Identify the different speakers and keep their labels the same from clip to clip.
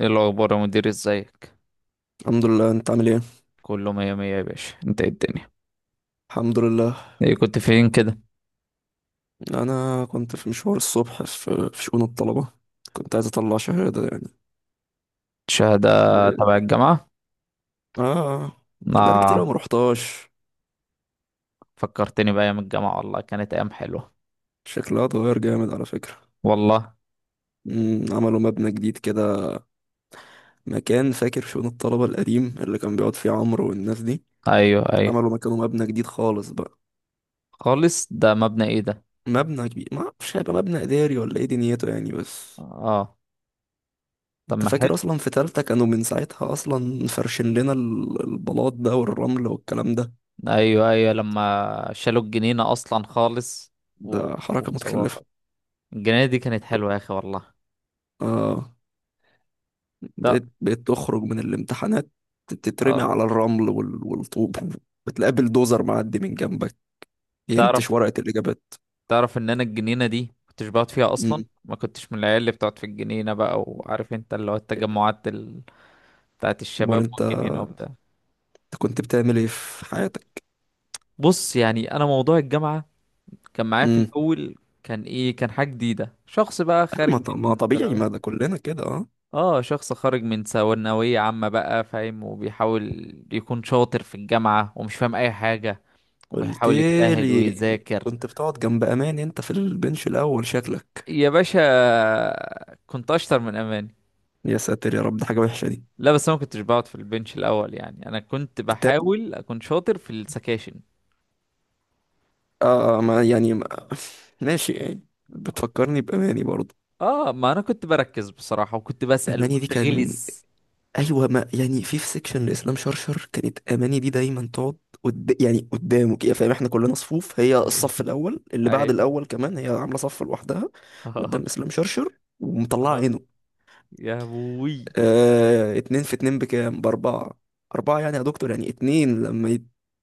Speaker 1: ايه الاخبار يا مدير، ازيك؟
Speaker 2: الحمد لله، انت عامل ايه؟
Speaker 1: كله مية مية يا باشا. انت ايه الدنيا؟
Speaker 2: الحمد لله.
Speaker 1: ايه كنت فين كده؟
Speaker 2: انا كنت في مشوار الصبح في شؤون الطلبه. كنت عايز اطلع شهاده يعني.
Speaker 1: شهادة تبع الجامعة؟
Speaker 2: اه. بقالي كتير أوي ما
Speaker 1: اه.
Speaker 2: روحتهاش.
Speaker 1: فكرتني بأيام الجامعة والله، كانت أيام حلوة.
Speaker 2: شكلها اتغير جامد على فكره.
Speaker 1: والله.
Speaker 2: عملوا مبنى جديد كده، مكان فاكر شؤون الطلبه القديم اللي كان بيقعد فيه عمرو والناس دي.
Speaker 1: أيوه أيوه.
Speaker 2: عملوا مكانه مبنى جديد خالص بقى.
Speaker 1: خالص، ده مبنى ايه ده؟
Speaker 2: مبنى كبير، ما اعرفش هيبقى مبنى اداري ولا ايه دنيته يعني بس.
Speaker 1: اه، طب
Speaker 2: انت
Speaker 1: ما حلو.
Speaker 2: فاكر اصلا في تالتة كانوا من ساعتها اصلا فرشين لنا البلاط ده والرمل والكلام ده.
Speaker 1: أيوه أيوه لما شالوا الجنينة أصلا خالص. و...
Speaker 2: ده حركة
Speaker 1: وسواها.
Speaker 2: متكلفة.
Speaker 1: الجنينة دي كانت حلوة يا أخي والله.
Speaker 2: اه.
Speaker 1: لا.
Speaker 2: بقيت تخرج من الامتحانات، تترمي
Speaker 1: اه.
Speaker 2: على الرمل والطوب، بتقابل دوزر معدي من جنبك ينتش
Speaker 1: تعرف
Speaker 2: ورقة الإجابات.
Speaker 1: تعرف ان انا الجنينه دي كنتش بقعد فيها اصلا،
Speaker 2: امم.
Speaker 1: ما كنتش من العيال اللي بتقعد في الجنينه بقى، وعارف انت اللي هو التجمعات بتاعت
Speaker 2: أمال
Speaker 1: الشباب
Speaker 2: أنت
Speaker 1: والجنينه وبتاع.
Speaker 2: أنت كنت بتعمل إيه في حياتك؟
Speaker 1: بص، يعني انا موضوع الجامعه كان معايا في
Speaker 2: امم.
Speaker 1: الاول، كان حاجه جديده، شخص بقى
Speaker 2: ما
Speaker 1: خارج
Speaker 2: ط- ما
Speaker 1: من
Speaker 2: طبيعي،
Speaker 1: ثانوي.
Speaker 2: ما ده كلنا كده. اه.
Speaker 1: اه، شخص خارج من ثانويه عامه بقى فاهم، وبيحاول يكون شاطر في الجامعه ومش فاهم اي حاجه،
Speaker 2: قلت
Speaker 1: وبيحاول يجتهد
Speaker 2: لي
Speaker 1: ويذاكر.
Speaker 2: كنت بتقعد جنب أماني أنت في البنش الأول شكلك.
Speaker 1: يا باشا، كنت اشطر من اماني.
Speaker 2: يا ساتر يا رب، ده حاجة وحشة دي.
Speaker 1: لا بس انا ما كنتش بقعد في البنش الاول، يعني انا كنت
Speaker 2: التاني.
Speaker 1: بحاول اكون شاطر في السكاشن.
Speaker 2: ما يعني ما ماشي يعني، بتفكرني بأماني برضه.
Speaker 1: اه، ما انا كنت بركز بصراحة، وكنت بسأل
Speaker 2: أماني دي
Speaker 1: وكنت
Speaker 2: كان.
Speaker 1: غلس.
Speaker 2: ايوه، ما يعني في سيكشن لاسلام شرشر كانت اماني دي دايما تقعد يعني قدامه كده، فاهم احنا كلنا صفوف، هي
Speaker 1: اهي
Speaker 2: الصف الاول اللي بعد
Speaker 1: اهي.
Speaker 2: الاول كمان، هي عامله صف لوحدها قدام
Speaker 1: آه،
Speaker 2: اسلام شرشر ومطلعه
Speaker 1: آه.
Speaker 2: عينه.
Speaker 1: يا ابوي.
Speaker 2: اتنين في اتنين بكام؟ باربعه. اربعه يعني يا دكتور، يعني اتنين لما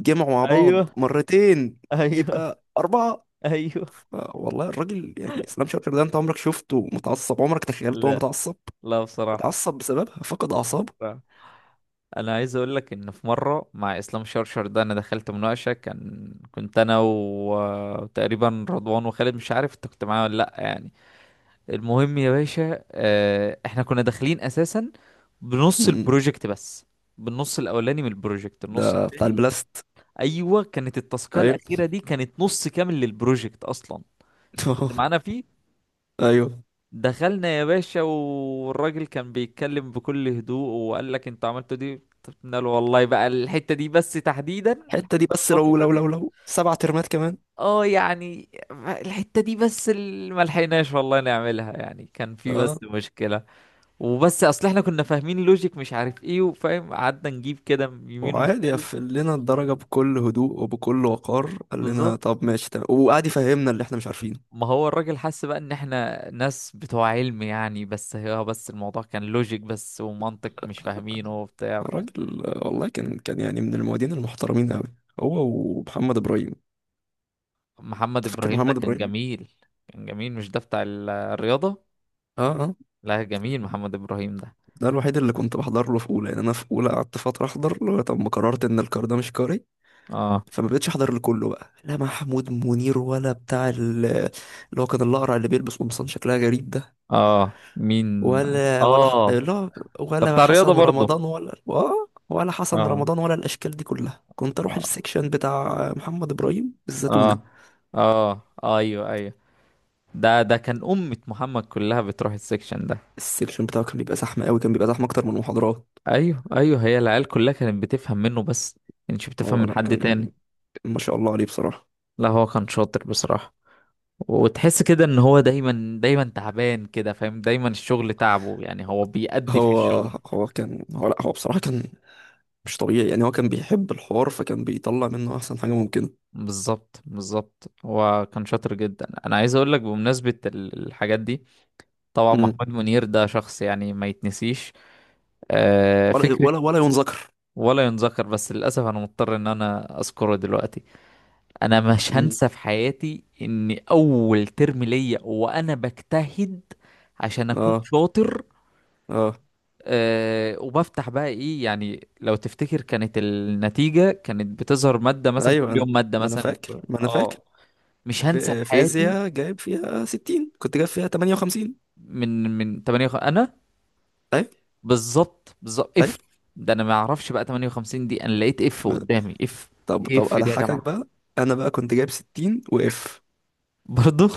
Speaker 2: يتجمعوا مع بعض
Speaker 1: ايوه
Speaker 2: مرتين
Speaker 1: ايوه
Speaker 2: يبقى اربعه.
Speaker 1: ايوه.
Speaker 2: والله الراجل يعني اسلام شرشر ده، انت عمرك شفته متعصب؟ عمرك تخيلته هو
Speaker 1: لا،
Speaker 2: متعصب؟
Speaker 1: لا بصراحة.
Speaker 2: متعصب بسببها فقد اعصابه.
Speaker 1: بصراحة. انا عايز اقول لك ان في مرة مع اسلام شرشر ده انا دخلت مناقشة، كنت انا وتقريبا رضوان وخالد، مش عارف انت كنت معايا ولا لا، يعني. المهم يا باشا، احنا كنا داخلين اساسا
Speaker 2: م-
Speaker 1: بنص
Speaker 2: م.
Speaker 1: البروجكت بس، بالنص الاولاني من البروجكت، النص
Speaker 2: ده بتاع
Speaker 1: التاني.
Speaker 2: البلاست.
Speaker 1: ايوه، كانت التاسكيه
Speaker 2: ايوه.
Speaker 1: الاخيره دي كانت نص كامل للبروجكت اصلا. انت كنت معانا فيه.
Speaker 2: ايوه.
Speaker 1: دخلنا يا باشا، والراجل كان بيتكلم بكل هدوء، وقال لك انتوا عملتوا دي؟ طب قلنا له والله بقى الحته دي بس تحديدا،
Speaker 2: الحته دي
Speaker 1: الحته
Speaker 2: بس، لو
Speaker 1: البسيطه
Speaker 2: لو
Speaker 1: دي.
Speaker 2: لو لو 7 ترمات كمان.
Speaker 1: اه، يعني الحته دي بس اللي ملحقناش والله نعملها، يعني كان في
Speaker 2: اه.
Speaker 1: بس مشكله، وبس اصل احنا كنا فاهمين لوجيك، مش عارف ايه، وفاهم، قعدنا نجيب كده يمين
Speaker 2: وعادي
Speaker 1: وشمال.
Speaker 2: قفل لنا الدرجه بكل هدوء وبكل وقار، قال لنا
Speaker 1: بالظبط.
Speaker 2: طب ماشي تمام، وقعد يفهمنا اللي احنا مش عارفينه.
Speaker 1: ما هو الراجل حس بقى ان احنا ناس بتوع علم يعني، بس هي بس الموضوع كان لوجيك بس ومنطق مش فاهمينه وبتاع.
Speaker 2: الراجل والله كان يعني من المعيدين المحترمين قوي، هو ومحمد ابراهيم.
Speaker 1: محمد
Speaker 2: أنت فاكر
Speaker 1: ابراهيم ده
Speaker 2: محمد
Speaker 1: كان
Speaker 2: ابراهيم؟
Speaker 1: جميل. كان جميل، مش ده بتاع الرياضة؟
Speaker 2: اه، اه.
Speaker 1: لا جميل محمد ابراهيم ده.
Speaker 2: ده الوحيد اللي كنت بحضر له في اولى. يعني انا في اولى قعدت فتره احضر له، طب ما قررت ان الكار ده مش كاري،
Speaker 1: اه
Speaker 2: فما بقتش احضر لكله بقى. لا محمود منير ولا بتاع اللي هو كان الاقرع اللي بيلبس قمصان شكلها غريب ده،
Speaker 1: اه. مين؟ اه،
Speaker 2: لا،
Speaker 1: ده
Speaker 2: ولا
Speaker 1: بتاع الرياضة
Speaker 2: حسن
Speaker 1: برضه.
Speaker 2: رمضان، ولا حسن
Speaker 1: اه
Speaker 2: رمضان، ولا الاشكال دي كلها. كنت اروح
Speaker 1: اه
Speaker 2: السكشن بتاع محمد ابراهيم الزتونه.
Speaker 1: اه اه. ايوه ايوه. ده كان أمة محمد كلها بتروح السكشن ده.
Speaker 2: السكشن بتاعه كان بيبقى زحمه قوي، كان بيبقى زحمه اكتر من المحاضرات.
Speaker 1: أيوه أيوه، هي العيال كلها كانت بتفهم منه بس، كانتش بتفهم
Speaker 2: هو
Speaker 1: من
Speaker 2: لا
Speaker 1: حد
Speaker 2: كان،
Speaker 1: تاني.
Speaker 2: ما شاء الله عليه بصراحه.
Speaker 1: لا، هو كان شاطر بصراحة، وتحس كده إن هو دايما دايما تعبان كده، فاهم، دايما الشغل تعبه يعني، هو بيأدي في
Speaker 2: هو
Speaker 1: الشغل.
Speaker 2: هو كان، هو بصراحه كان مش طبيعي يعني. هو كان بيحب الحوار، فكان بيطلع منه احسن حاجه ممكنه.
Speaker 1: بالظبط بالظبط، هو كان شاطر جدا. أنا عايز أقول لك بمناسبة الحاجات دي، طبعا
Speaker 2: امم.
Speaker 1: محمود منير ده شخص يعني ما يتنسيش. آه،
Speaker 2: ولا
Speaker 1: فكرة.
Speaker 2: ولا ولا ينذكر.
Speaker 1: ولا ينذكر، بس للأسف أنا مضطر إن أنا أذكره دلوقتي. انا مش
Speaker 2: امم.
Speaker 1: هنسى في حياتي ان اول ترم ليا وانا بجتهد عشان اكون
Speaker 2: اه،
Speaker 1: شاطر،
Speaker 2: اه.
Speaker 1: أه، وبفتح بقى ايه يعني، لو تفتكر كانت النتيجة كانت بتظهر مادة مثلا
Speaker 2: ايوه،
Speaker 1: كل يوم مادة
Speaker 2: ما انا
Speaker 1: مثلا.
Speaker 2: فاكر ما انا فاكر
Speaker 1: اه، مش هنسى في
Speaker 2: في
Speaker 1: حياتي.
Speaker 2: فيزياء جايب فيها 60، كنت جايب فيها 58.
Speaker 1: من 8 انا.
Speaker 2: طيب،
Speaker 1: بالظبط بالظبط
Speaker 2: طيب.
Speaker 1: اف. ده انا ما اعرفش بقى 58 دي انا لقيت اف قدامي اف.
Speaker 2: طب، طب،
Speaker 1: اف دي يا
Speaker 2: اضحكك
Speaker 1: جماعة.
Speaker 2: بقى. انا بقى كنت جايب 60 واف.
Speaker 1: برضو.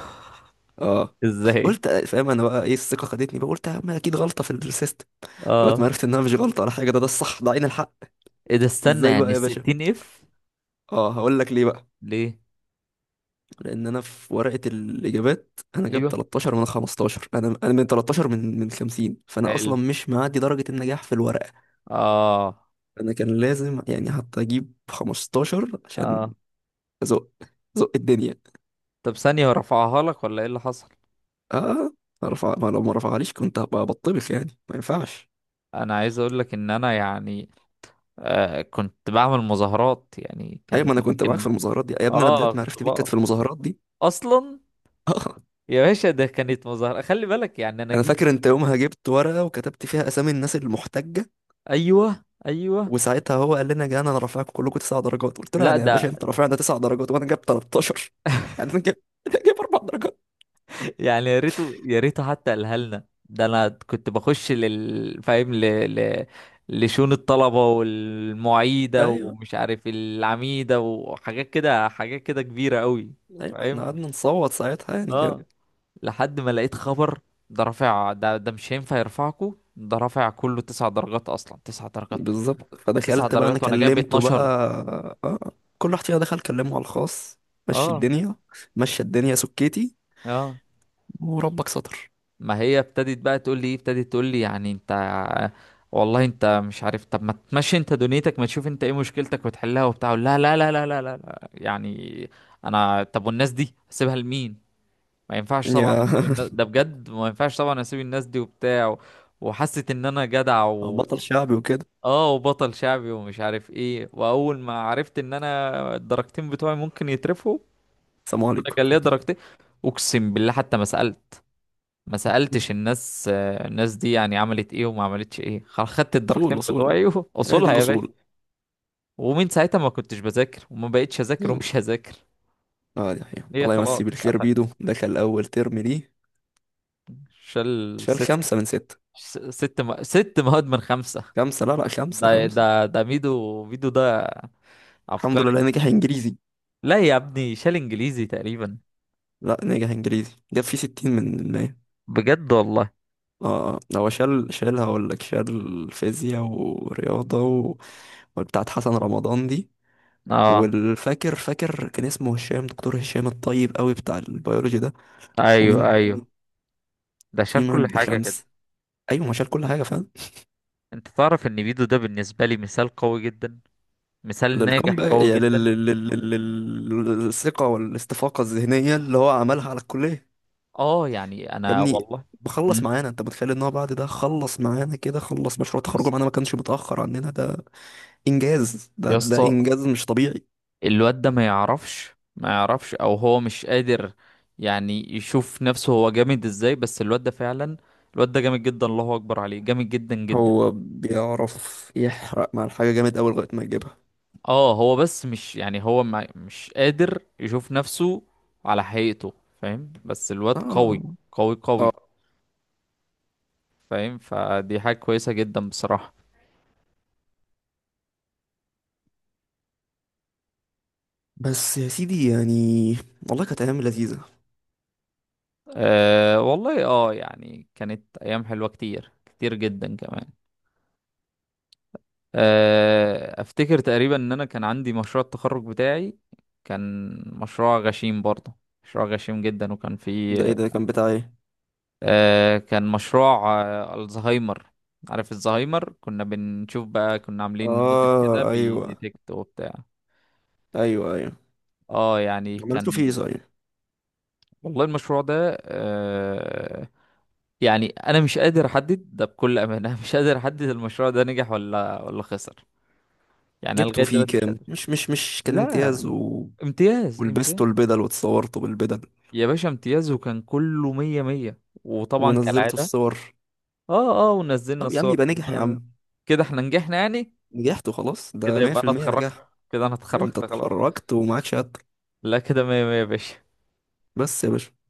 Speaker 2: اه.
Speaker 1: ازاي.
Speaker 2: قلت فاهم، انا بقى ايه الثقه خدتني بقى، قلت يا عم اكيد غلطه في السيستم، لغايه ما
Speaker 1: اه،
Speaker 2: عرفت انها مش غلطه ولا حاجه، ده الصح، ده عين الحق.
Speaker 1: ايه ده؟ استنى،
Speaker 2: ازاي بقى
Speaker 1: يعني
Speaker 2: يا باشا؟
Speaker 1: 60 اف؟
Speaker 2: اه، هقول لك ليه بقى.
Speaker 1: ليه؟
Speaker 2: لان انا في ورقه الاجابات انا جايب
Speaker 1: ايوه
Speaker 2: 13 من 15. انا من 13، من 50، فانا اصلا
Speaker 1: حلو.
Speaker 2: مش معدي درجه النجاح في الورقه.
Speaker 1: اه
Speaker 2: انا كان لازم يعني حتى اجيب 15 عشان
Speaker 1: اه.
Speaker 2: زق، زق الدنيا.
Speaker 1: طب ثانية، هو رفعها لك ولا ايه اللي حصل؟
Speaker 2: اه. ما رفع، ما لو ما رفعليش كنت هبقى بطبخ يعني، ما ينفعش.
Speaker 1: انا عايز اقول لك ان انا يعني، كنت بعمل مظاهرات، يعني
Speaker 2: ايوه،
Speaker 1: كان
Speaker 2: ما انا كنت معاك
Speaker 1: ممكن.
Speaker 2: في المظاهرات دي يا ابني. انا
Speaker 1: اه،
Speaker 2: بدات
Speaker 1: كنت
Speaker 2: معرفتي بيك كانت
Speaker 1: بقف
Speaker 2: في المظاهرات دي.
Speaker 1: اصلا.
Speaker 2: اه.
Speaker 1: يا باشا، ده كانت مظاهرة خلي بالك، يعني انا
Speaker 2: انا
Speaker 1: جيت.
Speaker 2: فاكر انت يومها جبت ورقه وكتبت فيها اسامي الناس المحتجه.
Speaker 1: ايوه ايوه.
Speaker 2: وساعتها هو قال لنا، جانا انا رافعكم كلكم 9 درجات. قلت له
Speaker 1: لا
Speaker 2: يعني يا باشا،
Speaker 1: ده
Speaker 2: انت رافعنا 9 درجات وانا جايب 13، يعني انا جايب جايب 4 درجات.
Speaker 1: يعني، يا ريته يا ريته حتى قالها لنا، ده انا كنت بخش لل، فاهم، ل... لشؤون الطلبة، والمعيدة،
Speaker 2: ايوه،
Speaker 1: ومش عارف، العميدة، وحاجات كده، حاجات كده كبيرة قوي.
Speaker 2: ايوه، احنا
Speaker 1: فاهم.
Speaker 2: قعدنا نصوت ساعتها يعني.
Speaker 1: اه. لحد ما لقيت خبر، ده رافع، ده ده مش هينفع يرفعكوا، ده رافع كله 9 درجات اصلا، 9 درجات،
Speaker 2: بالظبط،
Speaker 1: تسع
Speaker 2: فدخلت بقى انا
Speaker 1: درجات وانا جايب
Speaker 2: كلمته بقى.
Speaker 1: 12.
Speaker 2: آه. كل واحد فينا دخل كلمه على الخاص. مشي
Speaker 1: اه
Speaker 2: الدنيا، مشي الدنيا، سكتي،
Speaker 1: اه.
Speaker 2: وربك ستر.
Speaker 1: ما هي ابتدت بقى تقول لي ايه، ابتدت تقول لي، يعني انت والله انت مش عارف، طب ما تمشي انت دنيتك، ما تشوف انت ايه مشكلتك وتحلها وبتاع. أقول لها لا لا لا لا لا لا، يعني انا طب والناس دي اسيبها لمين؟ ما ينفعش طبعا
Speaker 2: يا
Speaker 1: اسيب الناس ده بجد، ما ينفعش طبعا اسيب الناس دي وبتاع، وحست ان انا جدع،
Speaker 2: بطل شعبي وكده.
Speaker 1: اه، وبطل شعبي ومش عارف ايه، واول ما عرفت ان انا الدرجتين بتوعي ممكن يترفوا،
Speaker 2: السلام
Speaker 1: انا
Speaker 2: عليكم.
Speaker 1: كان ليا درجتين، اقسم بالله حتى ما سألت. ما سألتش الناس، الناس دي يعني عملت ايه وما عملتش ايه. خدت الدرجتين
Speaker 2: اصول، اصول،
Speaker 1: بتوعي.
Speaker 2: ادي
Speaker 1: وصولها يا باشا.
Speaker 2: الاصول.
Speaker 1: ومن ساعتها ما كنتش بذاكر، وما بقتش اذاكر، ومش هذاكر.
Speaker 2: اه، دي حقيقة،
Speaker 1: هي
Speaker 2: الله
Speaker 1: خلاص
Speaker 2: يمسيه بالخير.
Speaker 1: قفل.
Speaker 2: بيدو دخل اول ترم ليه،
Speaker 1: شال
Speaker 2: شال
Speaker 1: ست،
Speaker 2: 5 من 6.
Speaker 1: 6 مواد من 5.
Speaker 2: خمسة؟ لا، لا، خمسة،
Speaker 1: ده
Speaker 2: خمسة.
Speaker 1: ده ده ميدو ميدو ده
Speaker 2: الحمد
Speaker 1: عبقري.
Speaker 2: لله نجح انجليزي.
Speaker 1: لا يا ابني، شال انجليزي تقريبا.
Speaker 2: لا، نجح انجليزي، جاب فيه 60%.
Speaker 1: بجد والله.
Speaker 2: اه. اه. هو شال، هقول لك شال فيزياء ورياضة و... وبتاعت حسن رمضان دي.
Speaker 1: اه.
Speaker 2: والفاكر، كان اسمه هشام، دكتور هشام الطيب قوي بتاع البيولوجي ده. ومين
Speaker 1: ايوه ايوه.
Speaker 2: تاني؟
Speaker 1: ده شال
Speaker 2: في
Speaker 1: كل
Speaker 2: مادة
Speaker 1: حاجة كده.
Speaker 2: خمس. ايوه، ما شال كل حاجة فاهم.
Speaker 1: انت تعرف ان ميدو ده بالنسبة لي مثال قوي جدا، مثال ناجح
Speaker 2: للكم بقى،
Speaker 1: قوي
Speaker 2: يعني
Speaker 1: جدا.
Speaker 2: للثقة والاستفاقة الذهنية اللي هو عملها على الكلية.
Speaker 1: اه، يعني
Speaker 2: يا
Speaker 1: انا
Speaker 2: ابني،
Speaker 1: والله.
Speaker 2: بخلص
Speaker 1: مم.
Speaker 2: معانا. انت متخيل ان هو بعد ده خلص معانا كده، خلص مشروع تخرجه
Speaker 1: يس.
Speaker 2: معانا، ما كانش متأخر عننا؟ ده انجاز، ده
Speaker 1: يا
Speaker 2: ده
Speaker 1: اسطى،
Speaker 2: انجاز مش طبيعي.
Speaker 1: الواد ده ما يعرفش، ما يعرفش، او هو مش قادر يعني يشوف نفسه، هو جامد ازاي؟ بس الواد ده فعلا، الواد ده جامد جدا، الله اكبر عليه، جامد جدا جدا.
Speaker 2: هو بيعرف يحرق مع الحاجة جامد أوي لغاية ما يجيبها.
Speaker 1: اه، هو بس، مش يعني هو ما مش قادر يشوف نفسه على حقيقته، فاهم، بس الواد
Speaker 2: اه،
Speaker 1: قوي، قوي
Speaker 2: اه.
Speaker 1: قوي. فاهم، فدي حاجة كويسة جدا بصراحة.
Speaker 2: بس يا سيدي يعني، والله كانت أيام لذيذة.
Speaker 1: أه والله، اه يعني كانت ايام حلوة، كتير كتير جدا كمان. افتكر تقريبا ان انا كان عندي مشروع التخرج بتاعي، كان مشروع غشيم برضه، مشروع غشيم جدا، وكان
Speaker 2: ده ايه
Speaker 1: فيه،
Speaker 2: ده؟ كان بتاع ايه؟
Speaker 1: كان مشروع، الزهايمر. عارف الزهايمر؟ كنا بنشوف بقى، كنا عاملين موديل كده
Speaker 2: اه، ايوه،
Speaker 1: بيديتكت وبتاع.
Speaker 2: ايوه، ايوه
Speaker 1: اه، يعني
Speaker 2: عملته
Speaker 1: كان.
Speaker 2: فيه صحيح.
Speaker 1: والله المشروع ده، يعني انا مش قادر احدد ده بكل امانه. مش قادر احدد المشروع ده نجح ولا خسر، يعني أنا
Speaker 2: جبته
Speaker 1: لغايه
Speaker 2: فيه
Speaker 1: دلوقتي مش
Speaker 2: كام؟
Speaker 1: قادر.
Speaker 2: مش كان امتياز
Speaker 1: لا،
Speaker 2: و...
Speaker 1: امتياز امتياز.
Speaker 2: ولبسته البدل واتصورته بالبدل،
Speaker 1: يا باشا امتياز، وكان كله مية مية، وطبعا
Speaker 2: ونزلته
Speaker 1: كالعادة.
Speaker 2: الصور.
Speaker 1: اه اه، ونزلنا
Speaker 2: طب يا عم
Speaker 1: الصور
Speaker 2: يبقى
Speaker 1: كان
Speaker 2: نجح يا
Speaker 1: كله مية.
Speaker 2: عم.
Speaker 1: كده احنا نجحنا يعني،
Speaker 2: نجحت وخلاص،
Speaker 1: كده
Speaker 2: ده
Speaker 1: يبقى انا
Speaker 2: 100% نجاح.
Speaker 1: اتخرجت، كده انا
Speaker 2: انت
Speaker 1: اتخرجت خلاص.
Speaker 2: اتخرجت ومعاك شهادتك.
Speaker 1: لا، كده مية مية يا باشا.
Speaker 2: بس يا باشا.